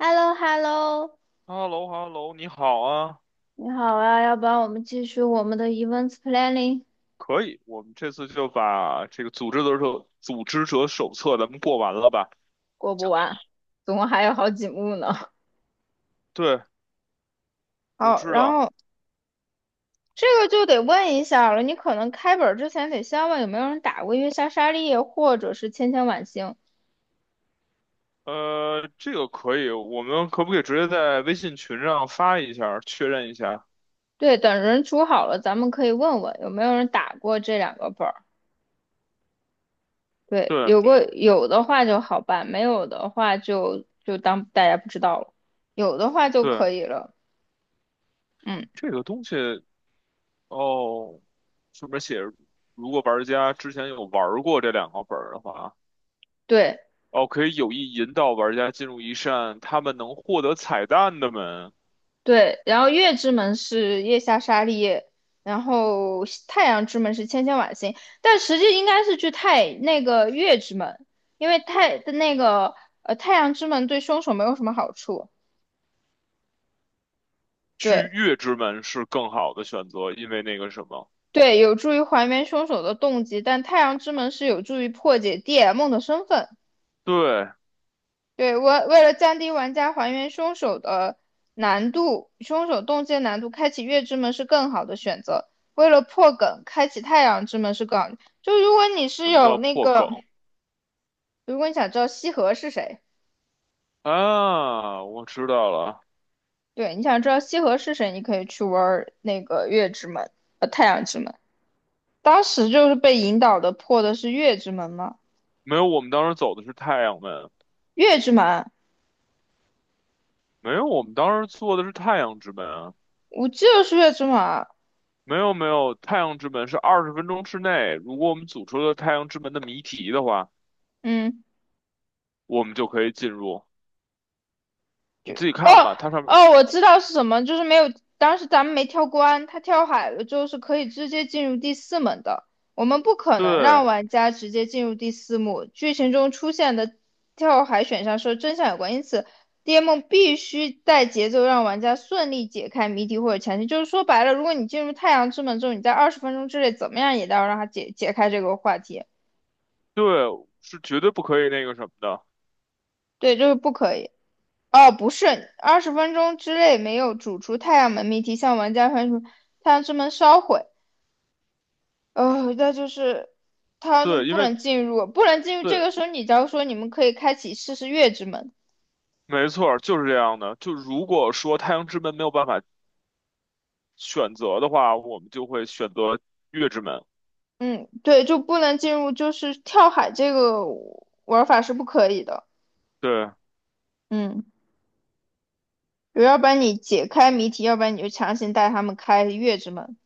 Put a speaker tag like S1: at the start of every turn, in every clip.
S1: h e l l o h e l l o
S2: 哈喽哈喽，你好啊。
S1: 你好啊，要不然我们继续我们的 events planning，
S2: 可以，我们这次就把这个组织者手册咱们过完了吧？
S1: 过不完，总共还有好几幕呢。
S2: 对，我
S1: 好，
S2: 知
S1: 然
S2: 道。
S1: 后这个就得问一下了，你可能开本儿之前得先问有没有人打过月下沙利叶或者是千千晚星。
S2: 这个可以，我们可不可以直接在微信群上发一下，确认一下？
S1: 对，等人组好了，咱们可以问问有没有人打过这两个本儿。对，
S2: 对
S1: 有的话就好办，没有的话就当大家不知道了，有的话就
S2: 对，
S1: 可以了。嗯，
S2: 这个东西哦，上面写着如果玩家之前有玩过这两个本儿的话，
S1: 对。
S2: 哦，可以有意引导玩家进入一扇他们能获得彩蛋的门。
S1: 对，然后月之门是月下沙利叶，然后西太阳之门是千千晚星，但实际应该是去太那个月之门，因为太的那个呃太阳之门对凶手没有什么好处，
S2: 去
S1: 对
S2: 月之门是更好的选择，因为那个什么，
S1: 对，有助于还原凶手的动机，但太阳之门是有助于破解 DM 的身份。
S2: 对。
S1: 对，为了降低玩家还原凶手的难度，凶手动机的难度，开启月之门是更好的选择。为了破梗，开启太阳之门是更好的。就如果你是
S2: 什么
S1: 有
S2: 叫
S1: 那
S2: 破梗
S1: 个，如果你想知道西河是谁，
S2: 啊？我知道了。
S1: 对，你想知道西河是谁，你可以去玩那个月之门，太阳之门。当时就是被引导的破的是月之门吗？
S2: 没有，我们当时走的是太阳门。
S1: 月之门，
S2: 没有，我们当时坐的是太阳之门啊。
S1: 我记得是月之门啊，
S2: 没有没有，太阳之门是二十分钟之内，如果我们组出了太阳之门的谜题的话，
S1: 嗯，
S2: 我们就可以进入。你自己看
S1: 哦
S2: 吧，它上面，
S1: 哦，我知道是什么，就是没有，当时咱们没跳关，他跳海了之后是可以直接进入第四门的。我们不可能
S2: 对
S1: 让玩家直接进入第四幕。剧情中出现的跳海选项是真相有关，因此 DM 必须带节奏让玩家顺利解开谜题或者前提。就是说白了，如果你进入太阳之门之后，你在二十分钟之内怎么样也得要让他解开这个话题。
S2: 对，是绝对不可以那个什么的，
S1: 对，就是不可以。哦，不是，二十分钟之内没有煮出太阳门谜题，向玩家发出太阳之门烧毁。那就是他是
S2: 对，因
S1: 不
S2: 为
S1: 能进入，不能进入。这
S2: 对。
S1: 个时候，你假如说你们可以开启试试月之门，
S2: 没错，就是这样的。就如果说太阳之门没有办法选择的话，我们就会选择月之门。
S1: 嗯，对，就不能进入，就是跳海这个玩法是不可以的，
S2: 对，
S1: 嗯，要不然你解开谜题，要不然你就强行带他们开月之门。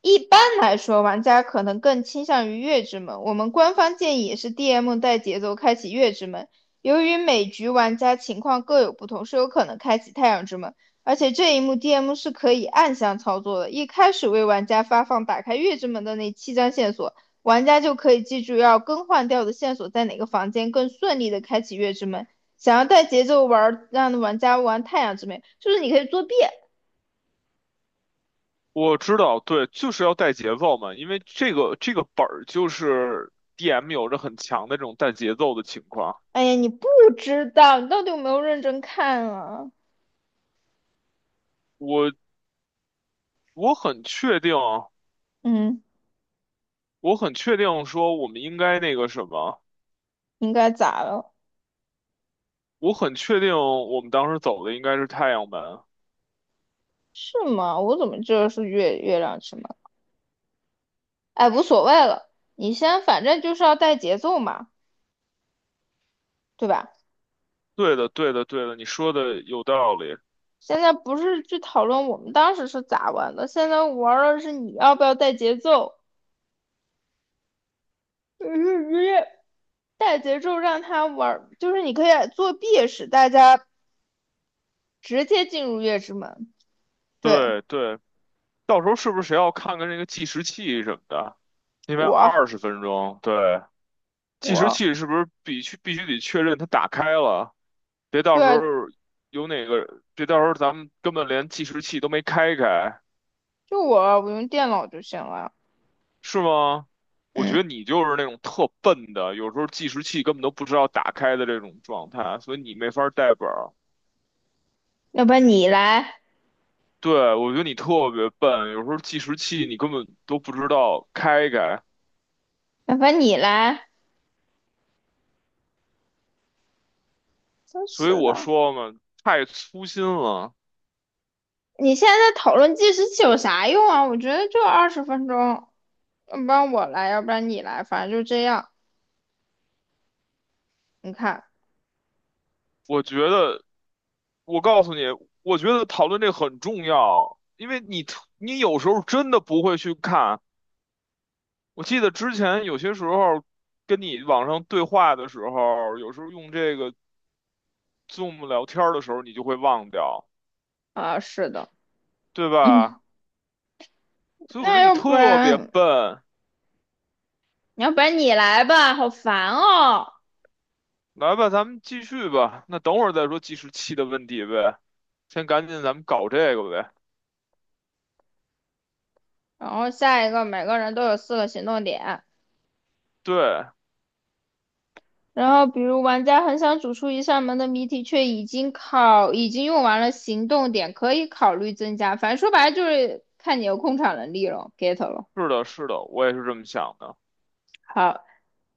S1: 一般来说，玩家可能更倾向于月之门。我们官方建议也是 DM 带节奏开启月之门。由于每局玩家情况各有不同，是有可能开启太阳之门。而且这一幕 DM 是可以暗箱操作的，一开始为玩家发放打开月之门的那七张线索，玩家就可以记住要更换掉的线索在哪个房间，更顺利的开启月之门。想要带节奏玩，让玩家玩太阳之门，就是你可以作弊。
S2: 我知道，对，就是要带节奏嘛，因为这个本儿就是 DM 有着很强的这种带节奏的情况。
S1: 哎呀，你不知道，你到底有没有认真看啊？
S2: 我我很确定，
S1: 嗯，
S2: 我很确定说我们应该那个什么，
S1: 应该咋了？
S2: 我很确定我们当时走的应该是太阳门。
S1: 是吗？我怎么知道是月亮之门？哎，无所谓了，你先，反正就是要带节奏嘛，对吧？
S2: 对的，对的，对的，你说的有道理。
S1: 现在不是去讨论我们当时是咋玩的，现在玩的是你要不要带节奏。嗯，带节奏让他玩，就是你可以作弊，使大家直接进入月之门。对，
S2: 对对，到时候是不是谁要看看那个计时器什么的？因为二
S1: 我，
S2: 十分钟，对。计时
S1: 我，
S2: 器是不是必须得确认它打开了？别到时候
S1: 对，
S2: 有哪个，别到时候咱们根本连计时器都没开开。
S1: 就我用电脑就行了。
S2: 是吗？我觉
S1: 嗯。
S2: 得你就是那种特笨的，有时候计时器根本都不知道打开的这种状态，所以你没法带本儿。
S1: 要不然你来，
S2: 对，我觉得你特别笨，有时候计时器你根本都不知道开开，
S1: 要不然你来。真
S2: 所以
S1: 是
S2: 我
S1: 的，
S2: 说嘛，太粗心了。
S1: 你现在讨论计时器有啥用啊？我觉得就二十分钟，要不然我来，要不然你来，反正就这样。你看，
S2: 我觉得我告诉你，我觉得讨论这很重要，因为你有时候真的不会去看。我记得之前有些时候跟你网上对话的时候，有时候用这个 Zoom 聊天儿的时候，你就会忘掉，
S1: 啊，是的，
S2: 对吧？
S1: 嗯，
S2: 所以我觉
S1: 那
S2: 得你
S1: 要不
S2: 特别
S1: 然，
S2: 笨。
S1: 要不然你来吧，好烦哦。
S2: 来吧，咱们继续吧。那等会儿再说计时器的问题呗，先赶紧咱们搞这个呗。
S1: 然后下一个，每个人都有四个行动点。
S2: 对，
S1: 然后，比如玩家很想走出一扇门的谜题，却已经用完了行动点，可以考虑增加。反正说白了就是看你有控场能力了，get 了。
S2: 是的，是的，我也是这么想的。
S1: 好，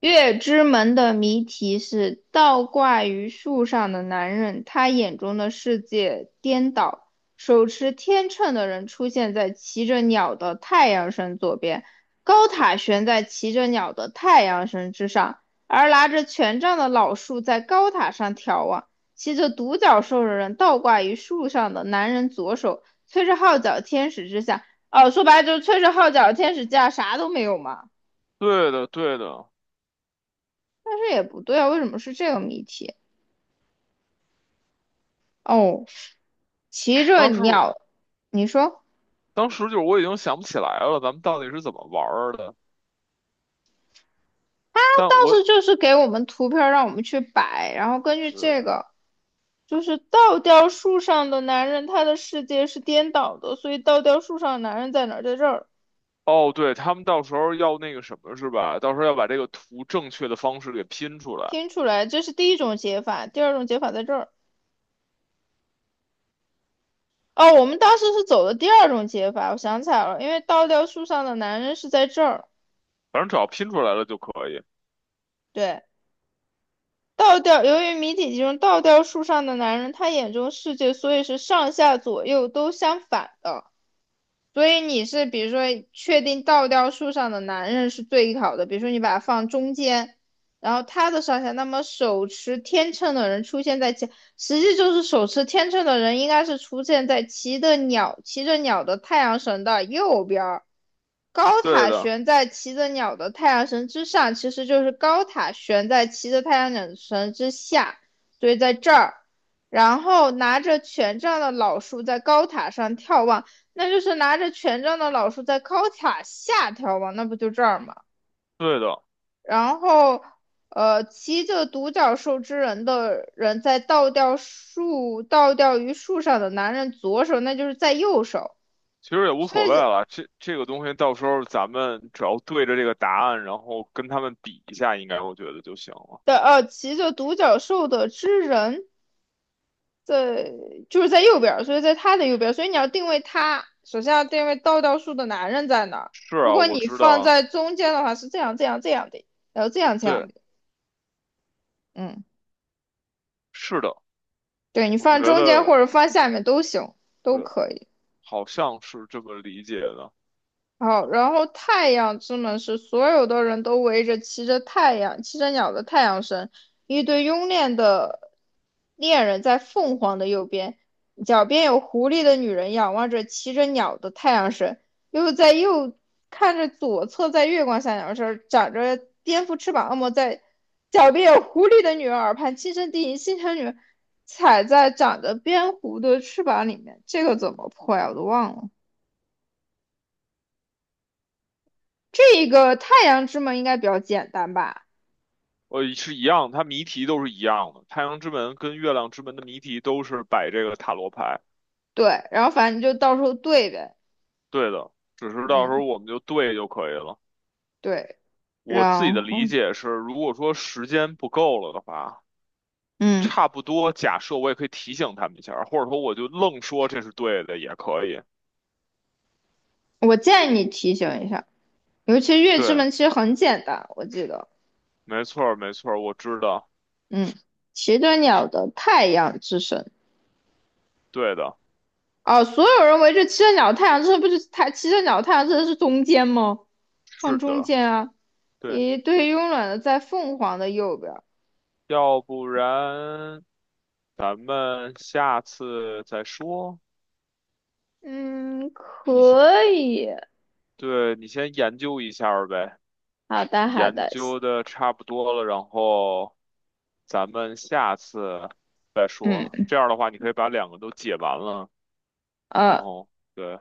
S1: 月之门的谜题是倒挂于树上的男人，他眼中的世界颠倒。手持天秤的人出现在骑着鸟的太阳神左边，高塔悬在骑着鸟的太阳神之上，而拿着权杖的老树在高塔上眺望。骑着独角兽的人倒挂于树上的男人左手，吹着号角天使之下。哦，说白了就是吹着号角天使之下，啥都没有嘛。
S2: 对的，对的。
S1: 但是也不对啊，为什么是这个谜题？哦，骑着
S2: 当时
S1: 鸟，你说
S2: 当时就是我已经想不起来了，咱们到底是怎么玩儿的？
S1: 他
S2: 但
S1: 当
S2: 我
S1: 时就是给我们图片儿让我们去摆，然后根据这
S2: 对，
S1: 个，就是倒吊树上的男人，他的世界是颠倒的，所以倒吊树上的男人在哪儿？在这儿
S2: 哦，对，他们到时候要那个什么是吧？到时候要把这个图正确的方式给拼出来，
S1: 拼出来，这是第一种解法，第二种解法在这儿。哦，我们当时是走的第二种解法，我想起来了，因为倒吊树上的男人是在这儿，
S2: 反正只要拼出来了就可以。
S1: 对。倒吊，由于谜底集中倒吊树上的男人，他眼中世界所以是上下左右都相反的。所以你是比如说确定倒吊树上的男人是最好的，比如说你把它放中间，然后他的上下，那么手持天秤的人出现在前，实际就是手持天秤的人应该是出现在骑着鸟的太阳神的右边儿，高
S2: 对
S1: 塔
S2: 的，
S1: 悬在骑着鸟的太阳神之上，其实就是高塔悬在骑着太阳神之下，所以在这儿。然后拿着权杖的老树在高塔上眺望，那就是拿着权杖的老树在高塔下眺望，那不就这儿吗？
S2: 对的，
S1: 然后，骑着独角兽之人的人在倒吊于树上的男人左手，那就是在右手。
S2: 其实也无
S1: 所
S2: 所
S1: 以
S2: 谓了。这个东西到时候咱们只要对着这个答案，然后跟他们比一下，应该我觉得就行了。
S1: 骑着独角兽的之人在就是在右边所以在他的右边所以你要定位他，首先要定位倒数的男人在哪儿。
S2: 是
S1: 如
S2: 啊，
S1: 果
S2: 我
S1: 你
S2: 知
S1: 放
S2: 道，
S1: 在中间的话，是这样这样这样的，然后这样这
S2: 对，
S1: 样的，嗯，
S2: 是的，
S1: 对你
S2: 我
S1: 放
S2: 觉
S1: 中间
S2: 得
S1: 或者放下面都行，都
S2: 对，
S1: 可以。
S2: 好像是这么理解的。
S1: 好，然后太阳之门是所有的人都围着骑着太阳、骑着鸟的太阳神，一对慵懒的恋人在凤凰的右边，脚边有狐狸的女人仰望着骑着鸟的太阳神，又在右看着左侧在月光下鸟身长着蝙蝠翅膀恶魔在脚边有狐狸的女人耳畔轻声低吟，心疼女人踩在长着蝙蝠的翅膀里面，这个怎么破呀？我都忘了。这个太阳之门应该比较简单吧？
S2: 是一样，它谜题都是一样的。太阳之门跟月亮之门的谜题都是摆这个塔罗牌，
S1: 对，然后反正你就到时候对呗。
S2: 对的，只是到时候
S1: 嗯，
S2: 我们就对就可以了。
S1: 对，
S2: 我自己的
S1: 然后
S2: 理解是，如果说时间不够了的话，
S1: 嗯，
S2: 差不多假设我也可以提醒他们一下，或者说我就愣说这是对的也可以。
S1: 我建议你提醒一下，尤其月之
S2: 对，
S1: 门其实很简单，我记得，
S2: 没错儿，没错儿，我知道，
S1: 嗯，骑着鸟的太阳之神。
S2: 对的，
S1: 哦，所有人围着骑着鸟的太阳之神，不是太，骑着鸟的太阳之神是中间吗？放
S2: 是
S1: 中
S2: 的，
S1: 间啊，
S2: 对，
S1: 一对慵懒的在凤凰的右边。
S2: 要不然咱们下次再说。
S1: 嗯，
S2: 你先
S1: 可以，
S2: 对，你先研究一下儿呗。
S1: 好的，好
S2: 研
S1: 的，
S2: 究的差不多了，然后咱们下次再说。
S1: 嗯，
S2: 这样的话，你可以把两个都解完了，然
S1: 呃，
S2: 后对。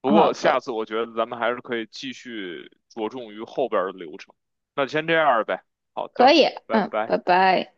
S2: 不
S1: 好
S2: 过下
S1: 的。
S2: 次我觉得咱们还是可以继续着重于后边儿的流程。那就先这样儿呗。好
S1: 可
S2: 的，
S1: 以，
S2: 拜
S1: 嗯，
S2: 拜。
S1: 拜拜。